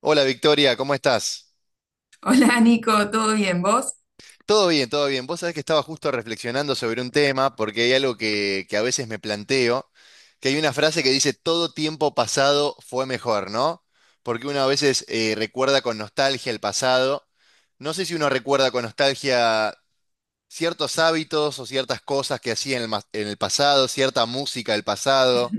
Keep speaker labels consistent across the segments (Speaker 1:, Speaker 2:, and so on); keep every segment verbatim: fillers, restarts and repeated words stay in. Speaker 1: Hola Victoria, ¿cómo estás?
Speaker 2: Hola Nico, ¿todo bien? ¿Vos?
Speaker 1: Todo bien, todo bien. Vos sabés que estaba justo reflexionando sobre un tema, porque hay algo que, que a veces me planteo, que hay una frase que dice, todo tiempo pasado fue mejor, ¿no? Porque uno a veces eh, recuerda con nostalgia el pasado. No sé si uno recuerda con nostalgia ciertos hábitos o ciertas cosas que hacía en el, mas- en el pasado, cierta música del pasado.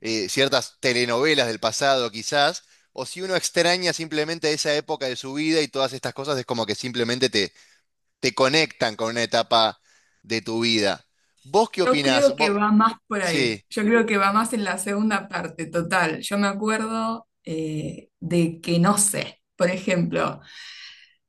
Speaker 1: eh, ciertas telenovelas del pasado quizás, o si uno extraña simplemente esa época de su vida y todas estas cosas es como que simplemente te, te conectan con una etapa de tu vida. ¿Vos qué
Speaker 2: Yo
Speaker 1: opinás?
Speaker 2: creo que
Speaker 1: Vos-
Speaker 2: va más por ahí.
Speaker 1: sí,
Speaker 2: Yo creo que va más en la segunda parte, total. Yo me acuerdo eh, de que no sé, por ejemplo,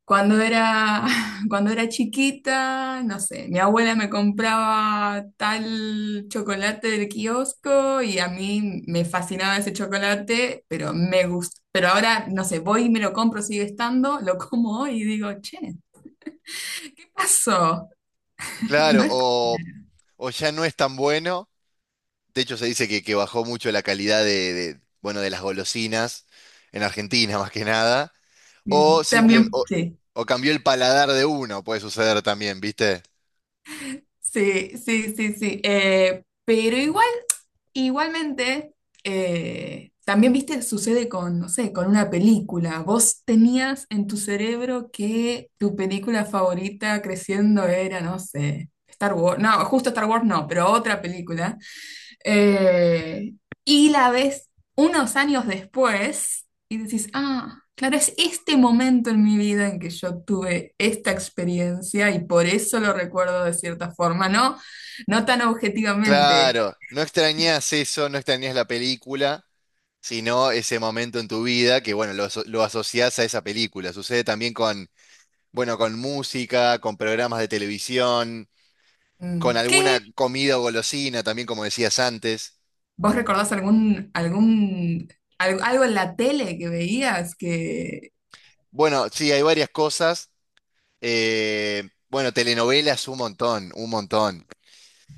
Speaker 2: cuando era, cuando era chiquita, no sé, mi abuela me compraba tal chocolate del kiosco y a mí me fascinaba ese chocolate, pero me gusta. Pero ahora, no sé, voy y me lo compro, sigue estando, lo como hoy y digo, che, ¿qué pasó? No
Speaker 1: claro,
Speaker 2: es
Speaker 1: o, o ya no es tan bueno. De hecho, se dice que, que bajó mucho la calidad de, de, bueno, de las golosinas en Argentina, más que nada. O
Speaker 2: mm,
Speaker 1: simple
Speaker 2: también,
Speaker 1: o
Speaker 2: sí.
Speaker 1: o cambió el paladar de uno, puede suceder también, ¿viste?
Speaker 2: Sí, sí, sí, sí. Eh, pero igual, igualmente, eh, también, viste, sucede con, no sé, con una película. Vos tenías en tu cerebro que tu película favorita creciendo era, no sé, Star Wars. No, justo Star Wars no, pero otra película. Eh, y la ves unos años después y decís, ah, claro, es este momento en mi vida en que yo tuve esta experiencia y por eso lo recuerdo de cierta forma, ¿no? No tan objetivamente.
Speaker 1: Claro, no extrañas eso, no extrañas la película, sino ese momento en tu vida que, bueno, lo, aso- lo asociás a esa película. Sucede también con, bueno, con música, con programas de televisión, con
Speaker 2: Mm,
Speaker 1: alguna
Speaker 2: ¿qué?
Speaker 1: comida o golosina, también como decías antes.
Speaker 2: ¿Vos recordás algún, algún, al- algo en la tele que veías que...
Speaker 1: Bueno, sí, hay varias cosas. Eh, bueno, telenovelas un montón, un montón.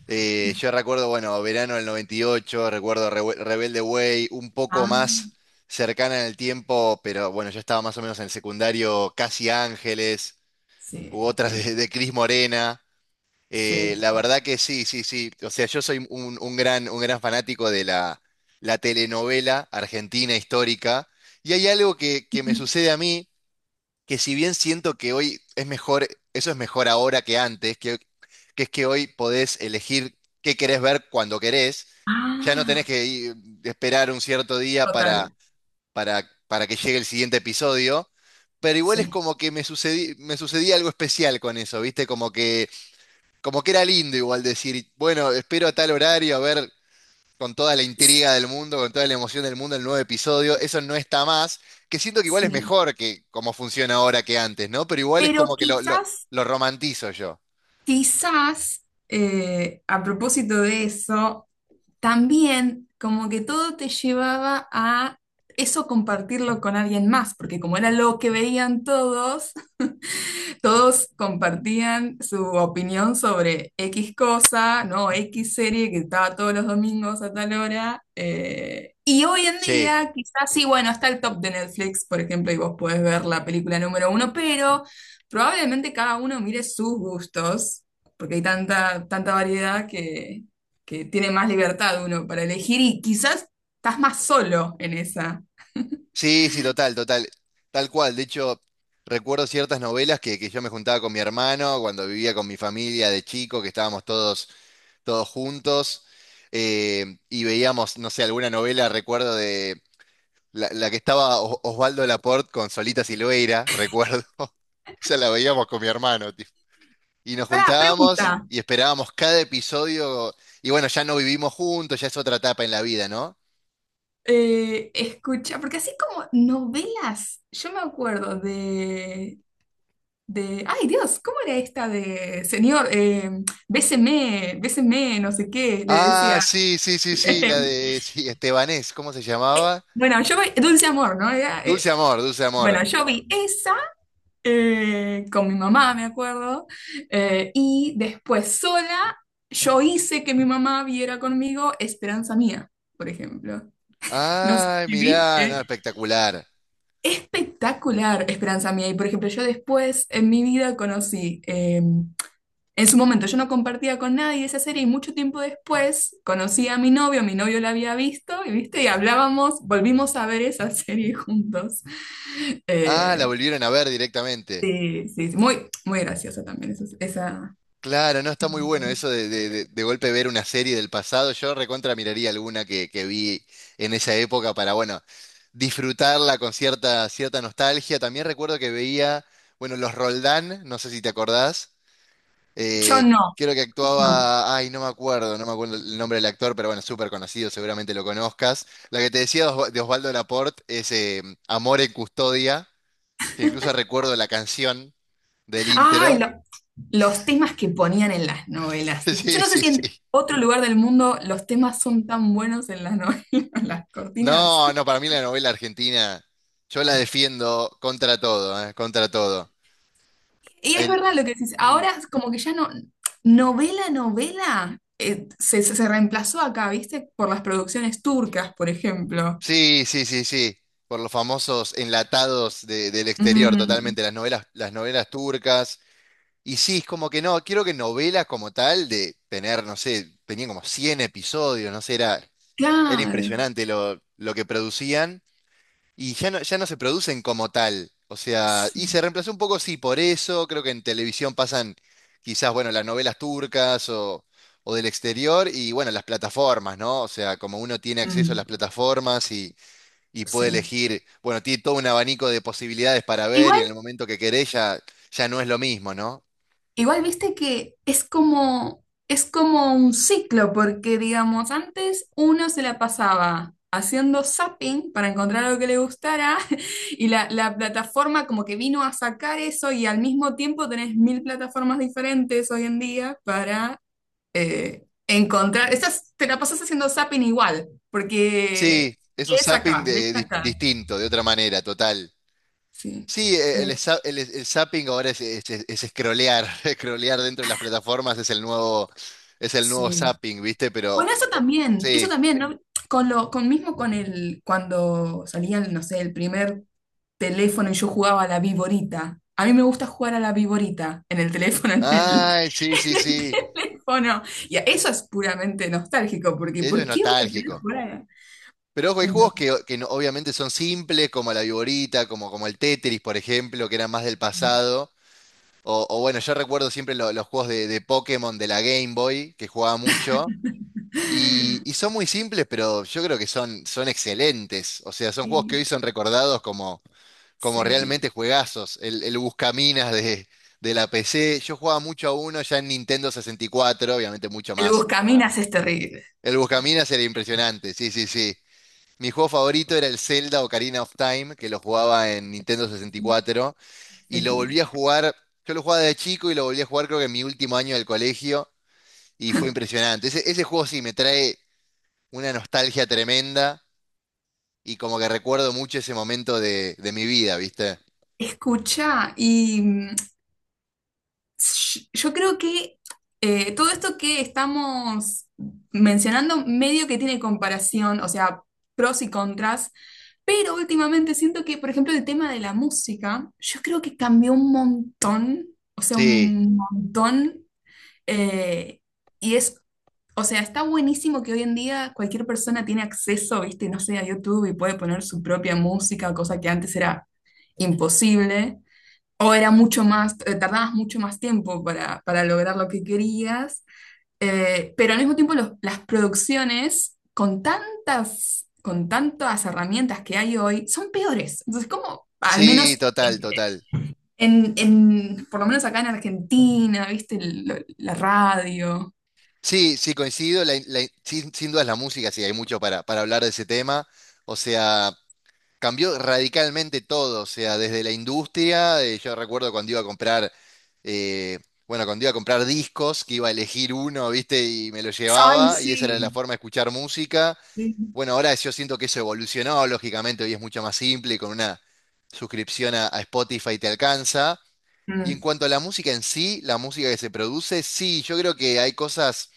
Speaker 1: Eh, yo recuerdo, bueno, verano del noventa y ocho recuerdo Rewe- Rebelde Way, un poco
Speaker 2: Ah,
Speaker 1: más cercana en el tiempo, pero bueno, yo estaba más o menos en el secundario, Casi Ángeles, u
Speaker 2: sí,
Speaker 1: otras
Speaker 2: sí,
Speaker 1: de, de Cris Morena. Eh,
Speaker 2: sí.
Speaker 1: la verdad que sí, sí, sí. O sea, yo soy un, un gran, un gran fanático de la, la telenovela argentina histórica. Y hay algo que, que me sucede a mí que si bien siento que hoy es mejor, eso es mejor ahora que antes, que, que es que hoy podés elegir qué querés ver cuando querés, ya no tenés
Speaker 2: Ah,
Speaker 1: que ir- esperar un cierto día para,
Speaker 2: total,
Speaker 1: para, para que llegue el siguiente episodio, pero igual es
Speaker 2: sí.
Speaker 1: como que me sucedí, me sucedía algo especial con eso, ¿viste? Como que, como que era lindo igual decir, bueno, espero a tal horario a ver con toda la
Speaker 2: Sí,
Speaker 1: intriga del mundo, con toda la emoción del mundo, el nuevo episodio, eso no está más, que siento que igual es
Speaker 2: sí.
Speaker 1: mejor que como funciona ahora que antes, ¿no? Pero igual es
Speaker 2: Pero
Speaker 1: como que lo, lo,
Speaker 2: quizás...
Speaker 1: lo romantizo yo.
Speaker 2: Quizás, eh, a propósito de eso, también como que todo te llevaba a eso compartirlo con alguien más, porque como era lo que veían todos, todos compartían su opinión sobre X cosa, ¿no? X serie que estaba todos los domingos a tal hora. Eh, y hoy en
Speaker 1: Sí,
Speaker 2: día, quizás sí, bueno, está el top de Netflix, por ejemplo, y vos podés ver la película número uno, pero probablemente cada uno mire sus gustos, porque hay tanta, tanta variedad que, que tiene más libertad uno para elegir y quizás estás más solo en esa.
Speaker 1: sí, sí, total, total, tal cual. De hecho, recuerdo ciertas novelas que, que yo me juntaba con mi hermano cuando vivía con mi familia de chico, que estábamos todos, todos juntos, eh, y veíamos, no sé, alguna novela, recuerdo de... La, la que estaba O- Osvaldo Laport con Solita Silveira, recuerdo. Esa la veíamos con mi hermano, tipo. Y nos
Speaker 2: Pará, pregunta.
Speaker 1: juntábamos y esperábamos cada episodio. Y bueno, ya no vivimos juntos, ya es otra etapa en la vida, ¿no?
Speaker 2: Eh, escucha, porque así como novelas, yo me acuerdo de, de, ay Dios, ¿cómo era esta de señor? Eh, béseme, béseme, no sé qué, le
Speaker 1: Ah,
Speaker 2: decía.
Speaker 1: sí, sí, sí, sí, la de sí, Estebanés, ¿cómo se llamaba?
Speaker 2: Bueno, yo vi Dulce Amor, ¿no? Era,
Speaker 1: Dulce
Speaker 2: eh,
Speaker 1: Amor, Dulce Amor.
Speaker 2: bueno, yo vi esa eh, con mi mamá, me acuerdo, eh, y después sola, yo hice que mi mamá viera conmigo Esperanza Mía, por ejemplo. No sé
Speaker 1: Ay,
Speaker 2: si
Speaker 1: mirá, no,
Speaker 2: viste.
Speaker 1: espectacular.
Speaker 2: Espectacular, Esperanza mía. Y por ejemplo, yo después en mi vida conocí, eh, en su momento yo no compartía con nadie esa serie y mucho tiempo después conocí a mi novio, mi novio la había visto y viste, y hablábamos, volvimos a ver esa serie juntos.
Speaker 1: Ah, la
Speaker 2: Eh,
Speaker 1: volvieron a ver directamente.
Speaker 2: sí, sí, sí, muy, muy graciosa también esa, esa-
Speaker 1: Claro, no, está muy bueno eso de, de, de- de golpe ver una serie del pasado. Yo recontra miraría alguna que, que vi en esa época para, bueno, disfrutarla con cierta, cierta nostalgia. También recuerdo que veía, bueno, los Roldán, no sé si te acordás.
Speaker 2: Yo
Speaker 1: eh,
Speaker 2: no,
Speaker 1: Creo que
Speaker 2: no.
Speaker 1: actuaba, ay, no me acuerdo, no me acuerdo el nombre del actor, pero bueno, súper conocido, seguramente lo conozcas. La que te decía de Osva- de Osvaldo Laport es eh, Amor en Custodia, que incluso recuerdo la canción del
Speaker 2: Ay,
Speaker 1: intro.
Speaker 2: los temas que ponían en las novelas. Yo
Speaker 1: Sí,
Speaker 2: no sé
Speaker 1: sí,
Speaker 2: si en
Speaker 1: sí.
Speaker 2: otro lugar del mundo los temas son tan buenos en las novelas, en las cortinas.
Speaker 1: No, no, para mí la novela argentina, yo la defiendo contra todo, ¿eh? Contra todo.
Speaker 2: Y es
Speaker 1: El-
Speaker 2: verdad lo que dices.
Speaker 1: mm,
Speaker 2: Ahora es como que ya no, novela, novela, eh, se, se- se reemplazó acá, ¿viste? Por las producciones turcas, por ejemplo.
Speaker 1: sí, sí, sí, sí. Por los famosos enlatados de- del exterior,
Speaker 2: Mm,
Speaker 1: totalmente. Las novelas, las novelas turcas. Y sí, es como que no, quiero que novelas como tal, de tener, no sé, tenían como cien episodios, no sé, era, era
Speaker 2: claro.
Speaker 1: impresionante lo, lo que producían. Y ya no, ya no se producen como tal. O sea, y
Speaker 2: Sí.
Speaker 1: se reemplazó un poco, sí, por eso. Creo que en televisión pasan quizás, bueno, las novelas turcas o, o del exterior y, bueno, las plataformas, ¿no? O sea, como uno tiene acceso a las
Speaker 2: Mm,
Speaker 1: plataformas y, y puede
Speaker 2: sí.
Speaker 1: elegir, bueno, tiene todo un abanico de posibilidades para ver y en el momento que querés ya, ya no es lo mismo, ¿no?
Speaker 2: Igual viste que es como, es como un ciclo, porque digamos, antes uno se la pasaba haciendo zapping para encontrar algo que le gustara y la, la plataforma como que vino a sacar eso y al mismo tiempo tenés mil plataformas diferentes hoy en día para eh, encontrar, estás, te la pasas haciendo zapping igual, porque
Speaker 1: Sí, es un
Speaker 2: ves
Speaker 1: zapping
Speaker 2: acá, ves
Speaker 1: de- dis-
Speaker 2: acá.
Speaker 1: distinto, de otra manera, total.
Speaker 2: Sí,
Speaker 1: Sí, eh, el,
Speaker 2: Eh,
Speaker 1: za- el, el zapping ahora es, es, es- es scrollear, scrollear dentro de las plataformas es el nuevo, es el nuevo
Speaker 2: sí.
Speaker 1: zapping, ¿viste? Pero
Speaker 2: Bueno, eso
Speaker 1: o-
Speaker 2: también, eso
Speaker 1: sí.
Speaker 2: también, ¿no? Con lo, con mismo con el, cuando salían, no sé, el primer teléfono y yo jugaba a la viborita. A mí me gusta jugar a la viborita en el teléfono, en el,
Speaker 1: Ay, sí, sí,
Speaker 2: en el
Speaker 1: sí.
Speaker 2: teléfono. Y eso es puramente nostálgico, porque
Speaker 1: Eso es
Speaker 2: ¿por qué voy a querer
Speaker 1: nostálgico.
Speaker 2: jugar a la...
Speaker 1: Pero ojo, hay juegos
Speaker 2: Entonces,
Speaker 1: que, o- que no- obviamente son simples, como la Viborita, como, como el Tetris, por ejemplo, que eran más del pasado. O, o bueno, yo recuerdo siempre lo- los juegos de, de Pokémon de la Game Boy, que jugaba mucho. Y, y son muy simples, pero yo creo que son, son excelentes. O sea, son juegos que hoy
Speaker 2: sí,
Speaker 1: son recordados como como
Speaker 2: sí.
Speaker 1: realmente juegazos. El, el Buscaminas de, de la P C. Yo jugaba mucho a uno ya en Nintendo sesenta y cuatro, obviamente mucho
Speaker 2: El
Speaker 1: más.
Speaker 2: buscaminas es terrible.
Speaker 1: El Buscaminas era impresionante, sí, sí, sí. Mi juego favorito era el Zelda Ocarina of Time, que lo jugaba en Nintendo
Speaker 2: No
Speaker 1: sesenta y cuatro. Y cuatro, y
Speaker 2: sé
Speaker 1: lo
Speaker 2: qué
Speaker 1: volví
Speaker 2: es.
Speaker 1: a jugar, yo lo jugaba de chico y lo volví a jugar creo que en mi último año del colegio. Y fue impresionante. Ese, ese juego sí me trae una nostalgia tremenda. Y como que recuerdo mucho ese momento de, de mi vida, ¿viste?
Speaker 2: Escucha, y yo creo que eh, todo esto que estamos mencionando medio que tiene comparación, o sea, pros y contras, pero últimamente siento que, por ejemplo, el tema de la música, yo creo que cambió un montón, o sea,
Speaker 1: Sí,
Speaker 2: un montón, eh, y es, o sea, está buenísimo que hoy en día cualquier persona tiene acceso, viste, no sé, a YouTube y puede poner su propia música, cosa que antes era imposible. O era mucho más, eh, tardabas mucho más tiempo para, para lograr lo que querías, eh, pero al mismo tiempo los- las producciones con tantas, con tantas herramientas que hay hoy son peores. Entonces, como, al
Speaker 1: sí,
Speaker 2: menos
Speaker 1: total, total.
Speaker 2: en, en- por lo menos acá en Argentina, ¿viste? El- lo- la radio.
Speaker 1: Sí, sí, coincido. la- la- sin, sin duda es la música, sí, hay mucho para, para hablar de ese tema. O sea, cambió radicalmente todo. O sea, desde la industria, eh, yo recuerdo cuando iba a comprar, eh, bueno, cuando iba a comprar discos, que iba a elegir uno, ¿viste? Y me lo
Speaker 2: Ay,
Speaker 1: llevaba, y esa era
Speaker 2: sí.
Speaker 1: la forma de escuchar música.
Speaker 2: Sí.
Speaker 1: Bueno, ahora yo siento que eso evolucionó, lógicamente, hoy es mucho más simple, y con una suscripción a, a Spotify te alcanza. Y en
Speaker 2: Mm.
Speaker 1: cuanto a la música en sí, la música que se produce, sí, yo creo que hay cosas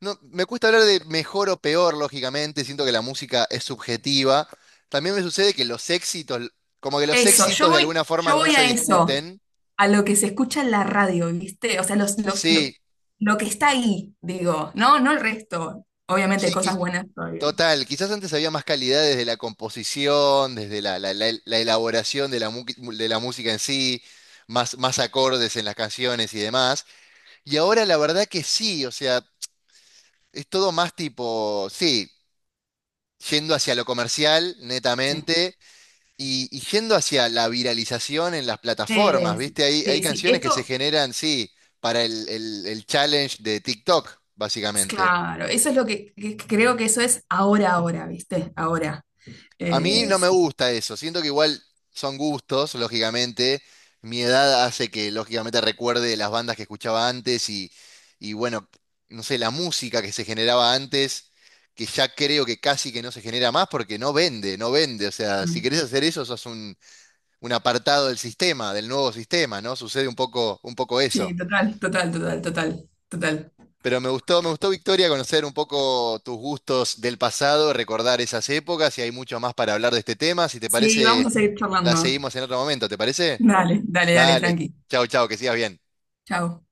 Speaker 1: no, me cuesta hablar de mejor o peor, lógicamente, siento que la música es subjetiva. También me sucede que los éxitos, como que los
Speaker 2: Eso, yo
Speaker 1: éxitos de
Speaker 2: voy,
Speaker 1: alguna forma
Speaker 2: yo
Speaker 1: no
Speaker 2: voy
Speaker 1: se
Speaker 2: a eso.
Speaker 1: discuten.
Speaker 2: A lo que se escucha en la radio, ¿viste? O sea, los, los, lo,
Speaker 1: Sí,
Speaker 2: lo que está ahí, digo, no, no el resto. Obviamente
Speaker 1: sí,
Speaker 2: hay cosas
Speaker 1: quiz-
Speaker 2: buenas todavía.
Speaker 1: total. Quizás antes había más calidad desde la composición, desde la, la- la- la elaboración de la, mu- de la música en sí, más, más acordes en las canciones y demás. Y ahora la verdad que sí, o sea, es todo más tipo, sí, yendo hacia lo comercial,
Speaker 2: Sí.
Speaker 1: netamente. Y, y yendo hacia la viralización en las plataformas,
Speaker 2: Es-
Speaker 1: ¿viste? Hay, hay
Speaker 2: sí, sí.
Speaker 1: canciones que se
Speaker 2: Esto,
Speaker 1: generan, sí, para el, el- el challenge de TikTok,
Speaker 2: es
Speaker 1: básicamente.
Speaker 2: claro, eso es lo que, que- que creo que eso es ahora, ahora, ¿viste? Ahora.
Speaker 1: A mí
Speaker 2: Eh,
Speaker 1: no me
Speaker 2: sí.
Speaker 1: gusta eso, siento que igual son gustos, lógicamente. Mi edad hace que, lógicamente, recuerde las bandas que escuchaba antes y, y bueno, no sé, la música que se generaba antes, que ya creo que casi que no se genera más porque no vende, no vende. O sea, si
Speaker 2: Mm.
Speaker 1: querés hacer eso, sos un apartado del sistema, del nuevo sistema, ¿no? Sucede un poco, un poco
Speaker 2: Sí,
Speaker 1: eso.
Speaker 2: total, total, total, total, total.
Speaker 1: Pero me gustó, me gustó, Victoria, conocer un poco tus gustos del pasado, recordar esas épocas y hay mucho más para hablar de este tema. Si te
Speaker 2: Sí, vamos
Speaker 1: parece,
Speaker 2: a seguir
Speaker 1: la
Speaker 2: charlando.
Speaker 1: seguimos en otro momento, ¿te parece?
Speaker 2: Dale, dale, dale,
Speaker 1: Dale,
Speaker 2: tranqui.
Speaker 1: chao, chao, que sigas bien.
Speaker 2: Chao.